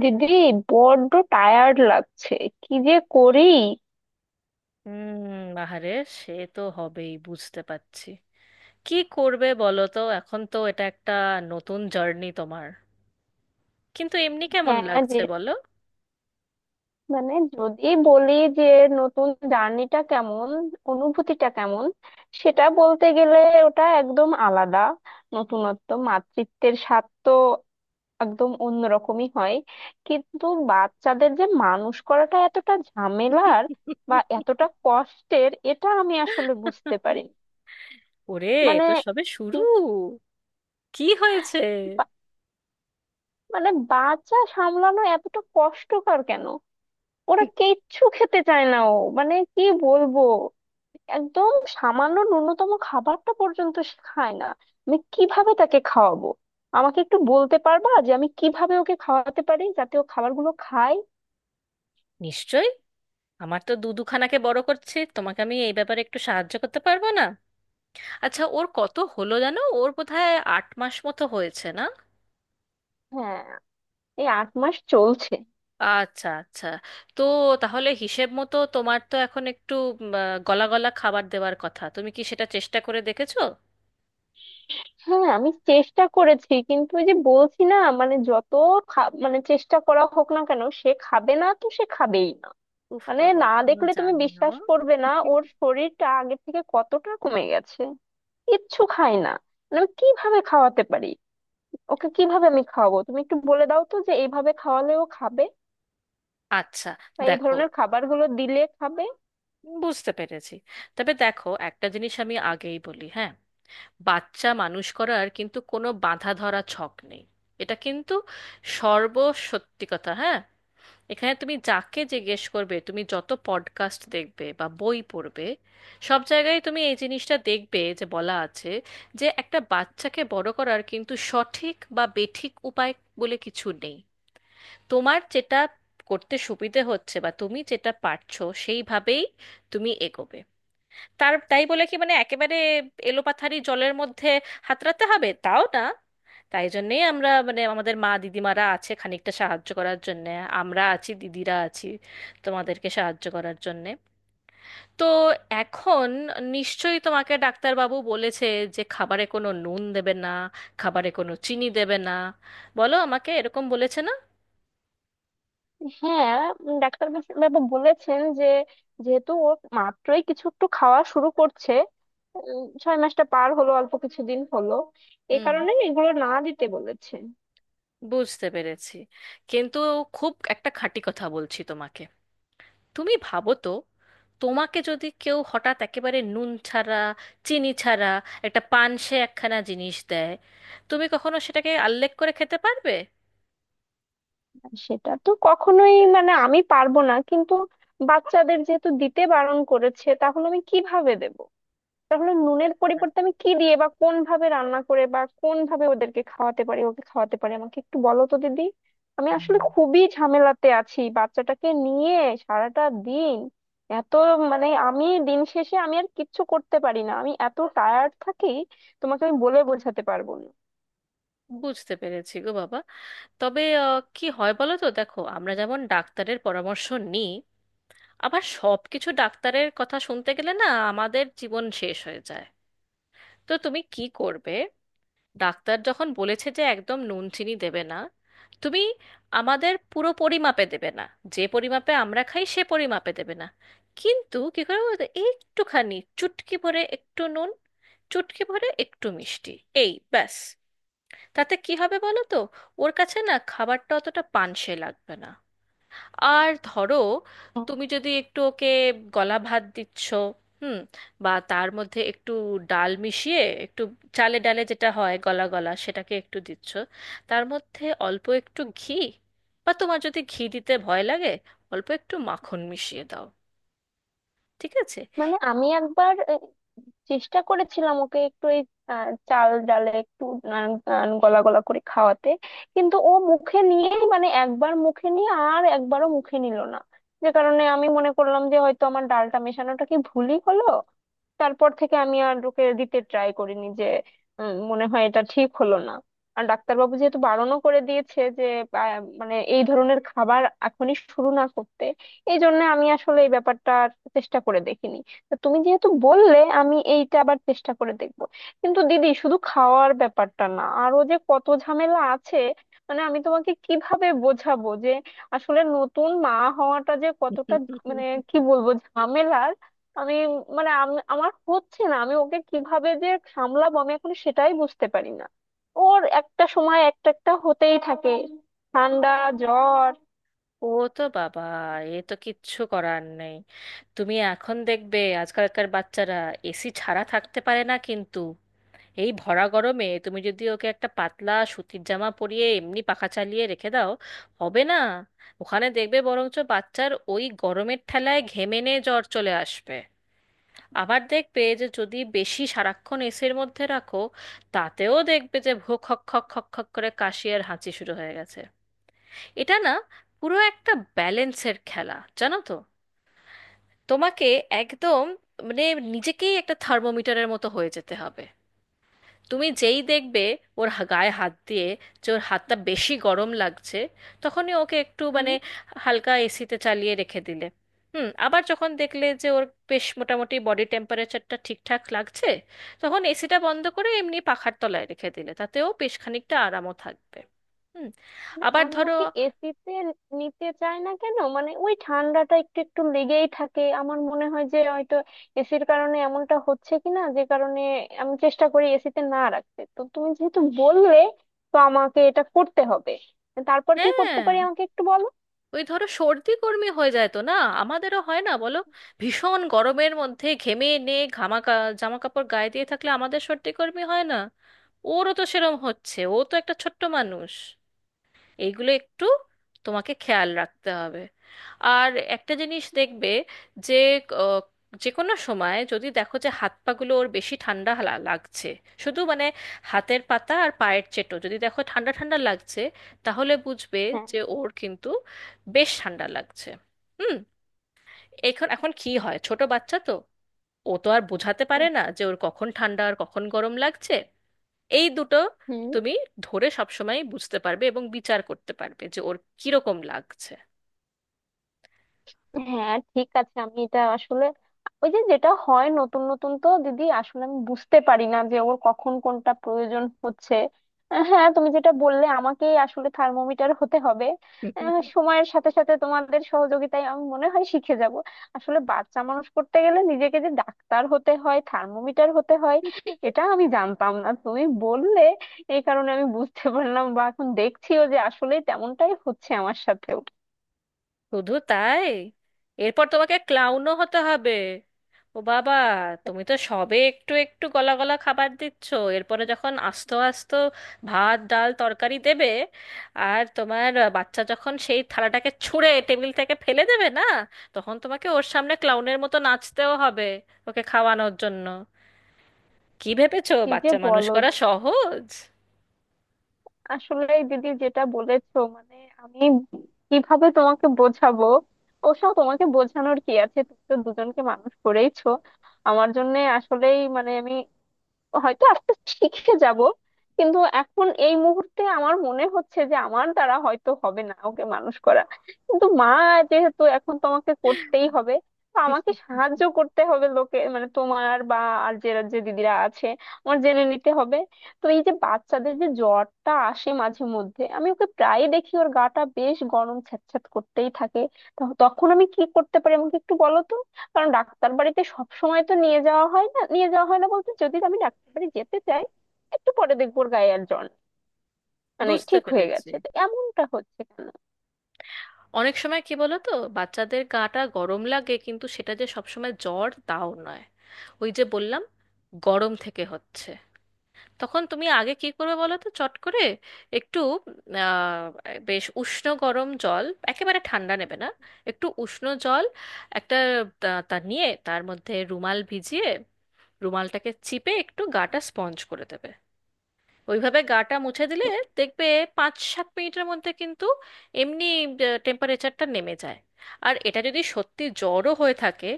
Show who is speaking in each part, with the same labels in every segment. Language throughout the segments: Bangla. Speaker 1: দিদি, বড্ড টায়ার্ড লাগছে। কি যে করি।
Speaker 2: হুম বাহারে, সে তো হবেই, বুঝতে পারছি। কি করবে বলো তো, এখন তো এটা একটা নতুন জার্নি তোমার। কিন্তু এমনি কেমন
Speaker 1: হ্যাঁ, যে
Speaker 2: লাগছে বলো?
Speaker 1: মানে যদি বলি যে নতুন জার্নিটা কেমন, অনুভূতিটা কেমন, সেটা বলতে গেলে ওটা একদম আলাদা। নতুনত্ব মাতৃত্বের স্বাদ তো একদম অন্যরকমই হয়। কিন্তু বাচ্চাদের যে মানুষ করাটা এতটা ঝামেলার বা এতটা কষ্টের, এটা আমি আসলে বুঝতে পারি।
Speaker 2: ওরে, এ
Speaker 1: মানে
Speaker 2: তো সবে শুরু।
Speaker 1: কি-
Speaker 2: কি হয়েছে?
Speaker 1: বা- মানে বাচ্চা সামলানো এতটা কষ্টকর কেন? ওরা কিচ্ছু খেতে চায় না, ও মানে কি বলবো, একদম সামান্য ন্যূনতম খাবারটা পর্যন্ত সে খায় না। আমি কিভাবে তাকে খাওয়াবো? আমাকে একটু বলতে পারবা যে আমি কিভাবে ওকে খাওয়াতে পারি যাতে ও খাবারগুলো খায়?
Speaker 2: নিশ্চয়ই। আমার তো দুখানাকে বড় করছে, তোমাকে আমি এই ব্যাপারে একটু সাহায্য করতে পারবো না? আচ্ছা, ওর কত হলো জানো? ওর বোধহয় 8 মাস মতো হয়েছে, না?
Speaker 1: হ্যাঁ, এই 8 মাস চলছে।
Speaker 2: আচ্ছা, আচ্ছা। তো, তাহলে হিসেব মতো তোমার তো এখন একটু গলা গলা খাবার দেওয়ার কথা। তুমি কি সেটা চেষ্টা করে দেখেছো?
Speaker 1: হ্যাঁ, আমি চেষ্টা করেছি কিন্তু ওই যে বলছি না, মানে যত মানে চেষ্টা করা হোক না কেন, সে খাবে না তো সে খাবেই না।
Speaker 2: উফ
Speaker 1: মানে
Speaker 2: বাবা,
Speaker 1: না
Speaker 2: আমিও
Speaker 1: দেখলে তুমি
Speaker 2: জানি না।
Speaker 1: বিশ্বাস করবে না ওর শরীরটা আগের থেকে কতটা কমে গেছে। কিচ্ছু খাই না। মানে আমি কিভাবে খাওয়াতে পারি? ওকে কিভাবে আমি খাওয়াবো? তুমি একটু বলে দাও তো যে এইভাবে খাওয়ালেও খাবে
Speaker 2: আচ্ছা।
Speaker 1: বা এই
Speaker 2: দেখো,
Speaker 1: ধরনের খাবারগুলো দিলে খাবে।
Speaker 2: বুঝতে পেরেছি। তবে দেখো, একটা জিনিস আমি আগেই বলি, হ্যাঁ। বাচ্চা মানুষ করার কিন্তু কোনো বাঁধা ধরা ছক নেই। এটা কিন্তু সর্বসত্যি কথা, হ্যাঁ। এখানে তুমি যাকে জিজ্ঞেস করবে, তুমি যত পডকাস্ট দেখবে বা বই পড়বে, সব জায়গায় তুমি এই জিনিসটা দেখবে যে বলা আছে, যে একটা বাচ্চাকে বড় করার কিন্তু সঠিক বা বেঠিক উপায় বলে কিছু নেই। তোমার যেটা করতে সুবিধে হচ্ছে বা তুমি যেটা পারছো, সেইভাবেই তুমি এগোবে। তার তাই বলে কি মানে একেবারে এলোপাথারি জলের মধ্যে হাতড়াতে হবে, তাও না। তাই জন্যেই আমরা মানে আমাদের মা দিদিমারা আছে খানিকটা সাহায্য করার জন্যে। আমরা আছি, দিদিরা আছি তোমাদেরকে সাহায্য করার জন্যে। তো এখন নিশ্চয়ই তোমাকে ডাক্তারবাবু বলেছে যে খাবারে কোনো নুন দেবে না, খাবারে কোনো চিনি দেবে না। বলো আমাকে, এরকম বলেছে না?
Speaker 1: হ্যাঁ। ডাক্তার বাবু বলেছেন যে যেহেতু ও মাত্রই কিছু একটু খাওয়া শুরু করছে, 6 মাসটা পার হলো অল্প কিছুদিন হলো, এই
Speaker 2: হুম,
Speaker 1: কারণে এগুলো না দিতে বলেছে।
Speaker 2: বুঝতে পেরেছি। কিন্তু খুব একটা খাঁটি কথা বলছি তোমাকে। তুমি ভাবো তো, তোমাকে যদি কেউ হঠাৎ একেবারে নুন ছাড়া, চিনি ছাড়া একটা পানসে একখানা জিনিস দেয়, তুমি কখনো সেটাকে আল্লেখ করে খেতে পারবে?
Speaker 1: আর সেটা তো কখনোই, মানে আমি পারবো না কিন্তু বাচ্চাদের যেহেতু দিতে বারণ করেছে তাহলে আমি কিভাবে দেব? তাহলে নুনের পরিবর্তে আমি কি দিয়ে বা কোন ভাবে রান্না করে বা কোন ভাবে ওদেরকে খাওয়াতে পারি, ওকে খাওয়াতে পারি, আমাকে একটু বলো তো দিদি। আমি
Speaker 2: হুম।
Speaker 1: আসলে খুবই ঝামেলাতে আছি বাচ্চাটাকে নিয়ে। সারাটা দিন এত, মানে আমি দিন শেষে আমি আর কিচ্ছু করতে পারি না, আমি এত টায়ার্ড থাকি তোমাকে আমি বলে বোঝাতে পারবো না।
Speaker 2: বুঝতে পেরেছি গো বাবা। তবে কি হয় বলো তো, দেখো, আমরা যেমন ডাক্তারের পরামর্শ নিই, আবার সব কিছু ডাক্তারের কথা শুনতে গেলে না আমাদের জীবন শেষ হয়ে যায়। তো তুমি কি করবে, ডাক্তার যখন বলেছে যে একদম নুন চিনি দেবে না, তুমি আমাদের পুরো পরিমাপে দেবে না, যে পরিমাপে আমরা খাই সে পরিমাপে দেবে না। কিন্তু কি করে বলো তো, একটুখানি চুটকি ভরে একটু নুন, চুটকি ভরে একটু মিষ্টি, এই ব্যাস। তাতে কি হবে বলো তো? ওর কাছে না খাবারটা অতটা পানসে লাগবে না। আর ধরো, তুমি যদি একটু ওকে গলা ভাত দিচ্ছ, হুম, বা তার মধ্যে একটু ডাল মিশিয়ে, একটু চালে ডালে যেটা হয় গলা গলা সেটাকে একটু দিচ্ছ, তার মধ্যে অল্প একটু ঘি, বা তোমার যদি ঘি দিতে ভয় লাগে, অল্প একটু মাখন মিশিয়ে দাও। ঠিক আছে?
Speaker 1: মানে আমি একবার এই চেষ্টা করেছিলাম ওকে একটু এই চাল ডালে একটু আহ, গলা গলা করে খাওয়াতে, কিন্তু ও মুখে নিয়ে, মানে একবার মুখে নিয়ে আর একবারও মুখে নিল না। যে কারণে আমি মনে করলাম যে হয়তো আমার ডালটা মেশানোটা কি ভুলই হলো। তারপর থেকে আমি আর ওকে দিতে ট্রাই করিনি, যে মনে হয় এটা ঠিক হলো না। আর ডাক্তারবাবু যেহেতু বারণও করে দিয়েছে যে আহ, মানে এই ধরনের খাবার এখনই শুরু না করতে, এই জন্য আমি আসলে এই ব্যাপারটা আর চেষ্টা করে দেখিনি। তা তুমি যেহেতু বললে আমি এইটা আবার চেষ্টা করে দেখব। কিন্তু দিদি শুধু খাওয়ার ব্যাপারটা না, আরো যে কত ঝামেলা আছে। মানে আমি তোমাকে কিভাবে বোঝাবো যে আসলে নতুন মা হওয়াটা যে কতটা, মানে কি বলবো, ঝামেলার। আমি, মানে আমার হচ্ছে না, আমি ওকে কিভাবে যে সামলাবো আমি এখন সেটাই বুঝতে পারি না। ওর একটা সময় একটা একটা হতেই থাকে, ঠান্ডা, জ্বর।
Speaker 2: ও তো বাবা, এ তো কিচ্ছু করার নেই। তুমি এখন দেখবে আজকালকার বাচ্চারা এসি ছাড়া থাকতে পারে না, কিন্তু এই ভরা গরমে তুমি যদি ওকে একটা পাতলা সুতির জামা পরিয়ে এমনি পাখা চালিয়ে রেখে দাও, হবে না। ওখানে দেখবে বরঞ্চ বাচ্চার ওই গরমের ঠেলায় ঘেমেনে জ্বর চলে আসবে। আবার দেখবে যে যদি বেশি সারাক্ষণ এসির মধ্যে রাখো, তাতেও দেখবে যে ভোক খক খক খক খক করে কাশি আর হাঁচি শুরু হয়ে গেছে। এটা না পুরো একটা ব্যালেন্সের খেলা, জানো তো। তোমাকে একদম মানে নিজেকেই একটা থার্মোমিটারের মতো হয়ে যেতে হবে। তুমি যেই দেখবে ওর গায়ে হাত দিয়ে যে ওর হাতটা বেশি গরম লাগছে, তখনই ওকে একটু মানে হালকা এসিতে চালিয়ে রেখে দিলে। হুম। আবার যখন দেখলে যে ওর বেশ মোটামুটি বডি টেম্পারেচারটা ঠিকঠাক লাগছে, তখন এসিটা বন্ধ করে এমনি পাখার তলায় রেখে দিলে তাতেও বেশ খানিকটা আরামও থাকবে। হুম।
Speaker 1: মানে
Speaker 2: আবার
Speaker 1: আমি
Speaker 2: ধরো,
Speaker 1: ওকে এসিতে নিতে চাই না কেন, মানে ওই ঠান্ডাটা একটু একটু লেগেই থাকে, আমার মনে হয় যে হয়তো এসির কারণে এমনটা হচ্ছে কিনা, যে কারণে আমি চেষ্টা করি এসিতে না রাখতে। তো তুমি যেহেতু বললে তো আমাকে এটা করতে হবে। তারপর কি করতে
Speaker 2: হ্যাঁ,
Speaker 1: পারি আমাকে একটু বলো।
Speaker 2: ওই ধরো সর্দি কর্মী হয়ে যায় তো, না? আমাদেরও হয় না বলো? ভীষণ গরমের মধ্যে ঘেমে নে ঘামা জামা কাপড় গায়ে দিয়ে থাকলে আমাদের সর্দি কর্মী হয় না? ওরও তো সেরম হচ্ছে, ও তো একটা ছোট্ট মানুষ। এইগুলো একটু তোমাকে খেয়াল রাখতে হবে। আর একটা জিনিস দেখবে যে আহ, যে কোনো সময় যদি দেখো যে হাত পাগুলো ওর বেশি ঠান্ডা লাগছে, শুধু মানে হাতের পাতা আর পায়ের চেটো যদি দেখো ঠান্ডা ঠান্ডা লাগছে, তাহলে বুঝবে
Speaker 1: হ্যাঁ।
Speaker 2: যে ওর কিন্তু বেশ ঠান্ডা লাগছে। হুম। এখন এখন কি হয়, ছোট বাচ্চা তো, ও তো আর বোঝাতে পারে
Speaker 1: হ্যাঁ।
Speaker 2: না যে ওর কখন ঠান্ডা আর কখন গরম লাগছে। এই দুটো
Speaker 1: হুম।
Speaker 2: তুমি ধরে সবসময় বুঝতে পারবে এবং বিচার করতে পারবে যে ওর কিরকম লাগছে।
Speaker 1: হ্যাঁ, ঠিক আছে, আমি এটা আসলে, ওই যে যেটা হয় নতুন নতুন তো দিদি, আসলে আমি বুঝতে পারি না যে ওর কখন কোনটা প্রয়োজন হচ্ছে। হ্যাঁ, তুমি যেটা বললে আমাকেই আসলে থার্মোমিটার হতে হবে। সময়ের সাথে সাথে তোমাদের সহযোগিতায় আমি মনে হয় শিখে যাব। আসলে বাচ্চা মানুষ করতে গেলে নিজেকে যে ডাক্তার হতে হয়, থার্মোমিটার হতে হয়, এটা আমি জানতাম না, তুমি বললে এই কারণে আমি বুঝতে পারলাম বা এখন দেখছিও যে আসলে তেমনটাই হচ্ছে আমার সাথেও।
Speaker 2: শুধু তাই? এরপর তোমাকে ক্লাউনও হতে হবে। ও বাবা, তুমি তো সবে একটু একটু গলা গলা খাবার দিচ্ছ। এরপরে যখন আস্ত আস্ত ভাত ডাল তরকারি দেবে, আর তোমার বাচ্চা যখন সেই থালাটাকে ছুঁড়ে টেবিল থেকে ফেলে দেবে না, তখন তোমাকে ওর সামনে ক্লাউনের মতো নাচতেও হবে ওকে খাওয়ানোর জন্য। কি ভেবেছো
Speaker 1: কি যে
Speaker 2: বাচ্চা মানুষ
Speaker 1: বলো।
Speaker 2: করা সহজ?
Speaker 1: আসলে দিদি যেটা বলেছো, মানে আমি কিভাবে তোমাকে বোঝাবো। ওসব তোমাকে বোঝানোর কি আছে, তুমি তো দুজনকে মানুষ করেইছো। আমার জন্য আসলেই, মানে আমি হয়তো আস্তে শিখে যাব, কিন্তু এখন এই মুহূর্তে আমার মনে হচ্ছে যে আমার দ্বারা হয়তো হবে না ওকে মানুষ করা। কিন্তু মা যেহেতু এখন তোমাকে করতেই হবে, তো আমাকে সাহায্য করতে হবে লোকে, মানে তোমার বা আর যে যে দিদিরা আছে, আমার জেনে নিতে হবে। তো এই যে বাচ্চাদের যে জ্বরটা আসে মাঝে মধ্যে, আমি ওকে প্রায়ই দেখি ওর গাটা বেশ গরম ছ্যাঁতছ্যাঁত করতেই থাকে, তো তখন আমি কি করতে পারি আমাকে একটু বলো তো। কারণ ডাক্তার বাড়িতে সব সময় তো নিয়ে যাওয়া হয় না, নিয়ে যাওয়া হয় না বলতে, যদি আমি ডাক্তার বাড়ি যেতে চাই একটু পরে দেখবো ওর গায়ে আর জ্বর নেই। মানে
Speaker 2: বুঝতে
Speaker 1: ঠিক হয়ে
Speaker 2: পেরেছি।
Speaker 1: গেছে, তো এমনটা হচ্ছে কেন?
Speaker 2: অনেক সময় কি বলো তো, বাচ্চাদের গাটা গরম লাগে কিন্তু সেটা যে সবসময় জ্বর, তাও নয়। ওই যে বললাম, গরম থেকে হচ্ছে। তখন তুমি আগে কি করবে বলো তো, চট করে একটু আহ, বেশ উষ্ণ গরম জল, একেবারে ঠান্ডা নেবে না, একটু উষ্ণ জল একটা তা তা নিয়ে তার মধ্যে রুমাল ভিজিয়ে রুমালটাকে চিপে একটু গাটা স্পঞ্জ করে দেবে। ওইভাবে গাটা মুছে দিলে দেখবে 5-7 মিনিটের মধ্যে কিন্তু এমনি টেম্পারেচারটা নেমে যায়। আর এটা যদি সত্যি জ্বরও হয়ে থাকে,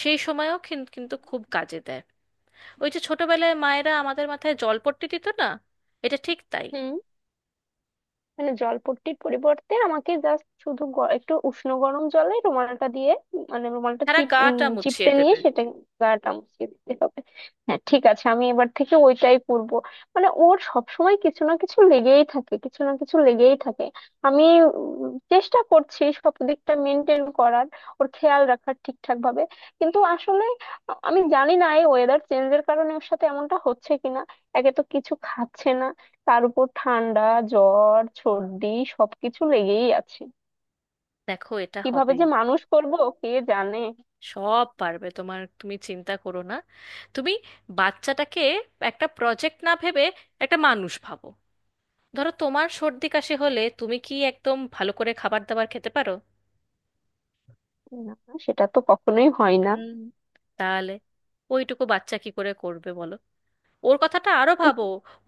Speaker 2: সেই সময়ও কিন্তু খুব কাজে দেয়। ওই যে ছোটবেলায় মায়েরা আমাদের মাথায় জলপট্টি দিত না, এটা ঠিক তাই।
Speaker 1: হুম। মানে জলপট্টির পরিবর্তে আমাকে জাস্ট শুধু একটু উষ্ণ গরম জলে রুমালটা দিয়ে, মানে রুমালটা
Speaker 2: সারা
Speaker 1: চিপ
Speaker 2: গাটা মুছিয়ে
Speaker 1: চিপটে নিয়ে
Speaker 2: দেবে।
Speaker 1: সেটা গাটা মুছিয়ে দিতে হবে। হ্যাঁ, ঠিক আছে, আমি এবার থেকে ওইটাই করবো। মানে ওর সবসময় কিছু না কিছু লেগেই থাকে, কিছু না কিছু লেগেই থাকে। আমি চেষ্টা করছি সব দিকটা মেনটেন করার, ওর খেয়াল রাখার ঠিকঠাক ভাবে। কিন্তু আসলে আমি জানি না এই ওয়েদার চেঞ্জের কারণে ওর সাথে এমনটা হচ্ছে কিনা। একে তো কিছু খাচ্ছে না, তার উপর ঠান্ডা, জ্বর, সর্দি সবকিছু লেগেই আছে।
Speaker 2: দেখো, এটা
Speaker 1: কিভাবে
Speaker 2: হবেই।
Speaker 1: যে মানুষ করব কে জানে।
Speaker 2: সব পারবে তোমার, তুমি চিন্তা করো না। তুমি বাচ্চাটাকে একটা প্রজেক্ট না ভেবে একটা মানুষ ভাবো। ধরো তোমার সর্দি কাশি হলে তুমি কি একদম ভালো করে খাবার দাবার খেতে পারো?
Speaker 1: না। সেটা তো কখনোই হয় না।
Speaker 2: হুম। তাহলে ওইটুকু বাচ্চা কি করে করবে বলো। ওর কথাটা আরো ভাবো,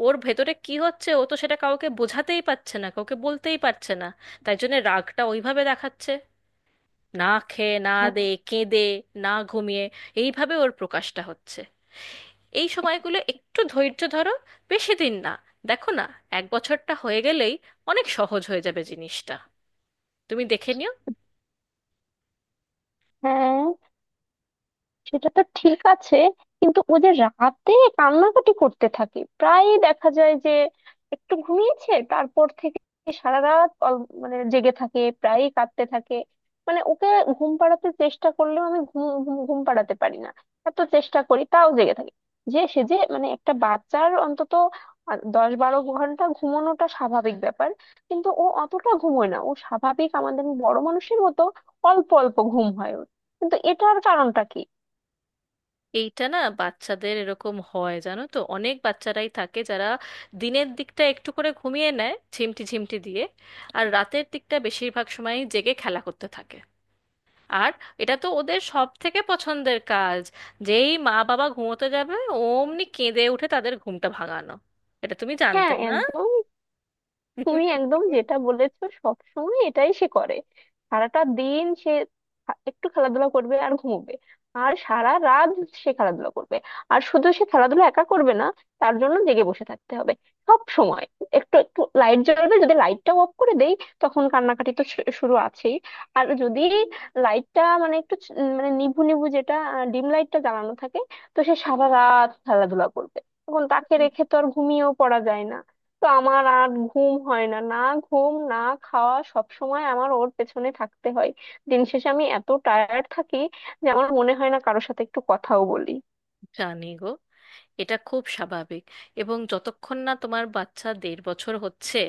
Speaker 2: ওর ভেতরে কি হচ্ছে, ও তো সেটা কাউকে বোঝাতেই পারছে না, কাউকে বলতেই পারছে না। তাই জন্য রাগটা ওইভাবে দেখাচ্ছে। না খেয়ে, না
Speaker 1: হ্যাঁ।
Speaker 2: দে, কেঁদে, না ঘুমিয়ে, এইভাবে ওর প্রকাশটা হচ্ছে। এই সময়গুলো একটু ধৈর্য ধরো। বেশি দিন না, দেখো না, এক বছরটা হয়ে গেলেই অনেক সহজ হয়ে যাবে জিনিসটা, তুমি দেখে নিও।
Speaker 1: হ্যাঁ, সেটা তো ঠিক আছে, কিন্তু ও যে রাতে কান্নাকাটি করতে থাকে, প্রায় দেখা যায় যে একটু ঘুমিয়েছে, তারপর থেকে সারা রাত মানে জেগে থাকে, প্রায়ই কাঁদতে থাকে। মানে ওকে ঘুম পাড়াতে চেষ্টা করলেও আমি ঘুম ঘুম ঘুম পাড়াতে পারি না। এত চেষ্টা করি তাও জেগে থাকে। যে সে যে, মানে একটা বাচ্চার অন্তত 10-12 ঘন্টা ঘুমানোটা স্বাভাবিক ব্যাপার। কিন্তু ও অতটা ঘুমোয় না, ও স্বাভাবিক আমাদের বড় মানুষের মতো অল্প অল্প ঘুম হয় ওর। কিন্তু এটার কারণটা কি?
Speaker 2: এইটা না বাচ্চাদের এরকম হয়, জানো তো, অনেক বাচ্চারাই থাকে যারা দিনের দিকটা একটু করে ঘুমিয়ে নেয় ঝিমটি ঝিমটি দিয়ে, আর রাতের দিকটা বেশিরভাগ সময় জেগে খেলা করতে থাকে। আর এটা তো ওদের সব থেকে পছন্দের কাজ, যেই মা বাবা ঘুমোতে যাবে অমনি কেঁদে উঠে তাদের ঘুমটা ভাঙানো। এটা তুমি
Speaker 1: হ্যাঁ,
Speaker 2: জানতে না?
Speaker 1: একদম। তুমি একদম যেটা বলেছো সব সময় এটাই সে করে। সারাটা দিন সে একটু খেলাধুলা করবে আর ঘুমোবে। আর সারা রাত সে খেলাধুলা করবে, আর শুধু সে খেলাধুলা একা করবে না, তার জন্য জেগে বসে থাকতে হবে সব সময়। একটু একটু লাইট জ্বলবে, যদি লাইটটাও অফ করে দেই তখন কান্নাকাটি তো শুরু আছেই। আর যদি লাইটটা, মানে একটু মানে নিভু নিভু যেটা ডিম লাইটটা জ্বালানো থাকে, তো সে সারা রাত খেলাধুলা করবে। তখন তাকে রেখে তো আর ঘুমিয়েও পড়া যায় না। তো আমার আর ঘুম হয় না, না ঘুম, না খাওয়া, সব সময় আমার ওর পেছনে থাকতে হয়। দিন শেষে আমি এত টায়ার্ড থাকি যে আমার মনে হয় না কারোর সাথে একটু কথাও বলি।
Speaker 2: জানি গো, এটা খুব স্বাভাবিক। এবং যতক্ষণ না তোমার বাচ্চা দেড় বছর হচ্ছে,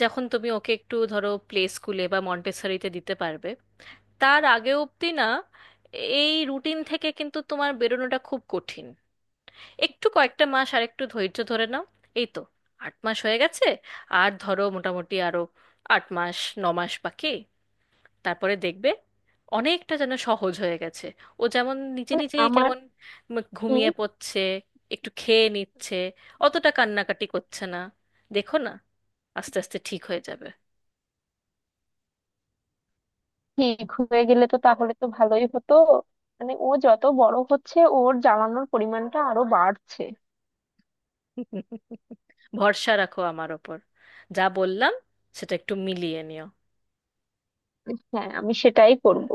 Speaker 2: যখন তুমি ওকে একটু ধরো প্লে স্কুলে বা মন্টেসরিতে দিতে পারবে, তার আগে অবধি না এই রুটিন থেকে কিন্তু তোমার বেরোনোটা খুব কঠিন। একটু কয়েকটা মাস আর একটু ধৈর্য ধরে নাও। এই তো 8 মাস হয়ে গেছে, আর ধরো মোটামুটি আরো 8 মাস, 9 মাস বাকি। তারপরে দেখবে অনেকটা যেন সহজ হয়ে গেছে। ও যেমন নিজে
Speaker 1: মানে
Speaker 2: নিজেই
Speaker 1: আমার
Speaker 2: কেমন
Speaker 1: কি?
Speaker 2: ঘুমিয়ে পড়ছে, একটু খেয়ে নিচ্ছে, অতটা কান্নাকাটি করছে না। দেখো না, আস্তে আস্তে ঠিক হয়ে যাবে।
Speaker 1: ঠিক হয়ে গেলে তো তাহলে তো ভালোই হতো। মানে ও যত বড় হচ্ছে ওর জ্বালানোর পরিমাণটা আরো বাড়ছে।
Speaker 2: ভরসা রাখো আমার ওপর। যা বললাম, সেটা একটু মিলিয়ে নিও।
Speaker 1: হ্যাঁ, আমি সেটাই করব।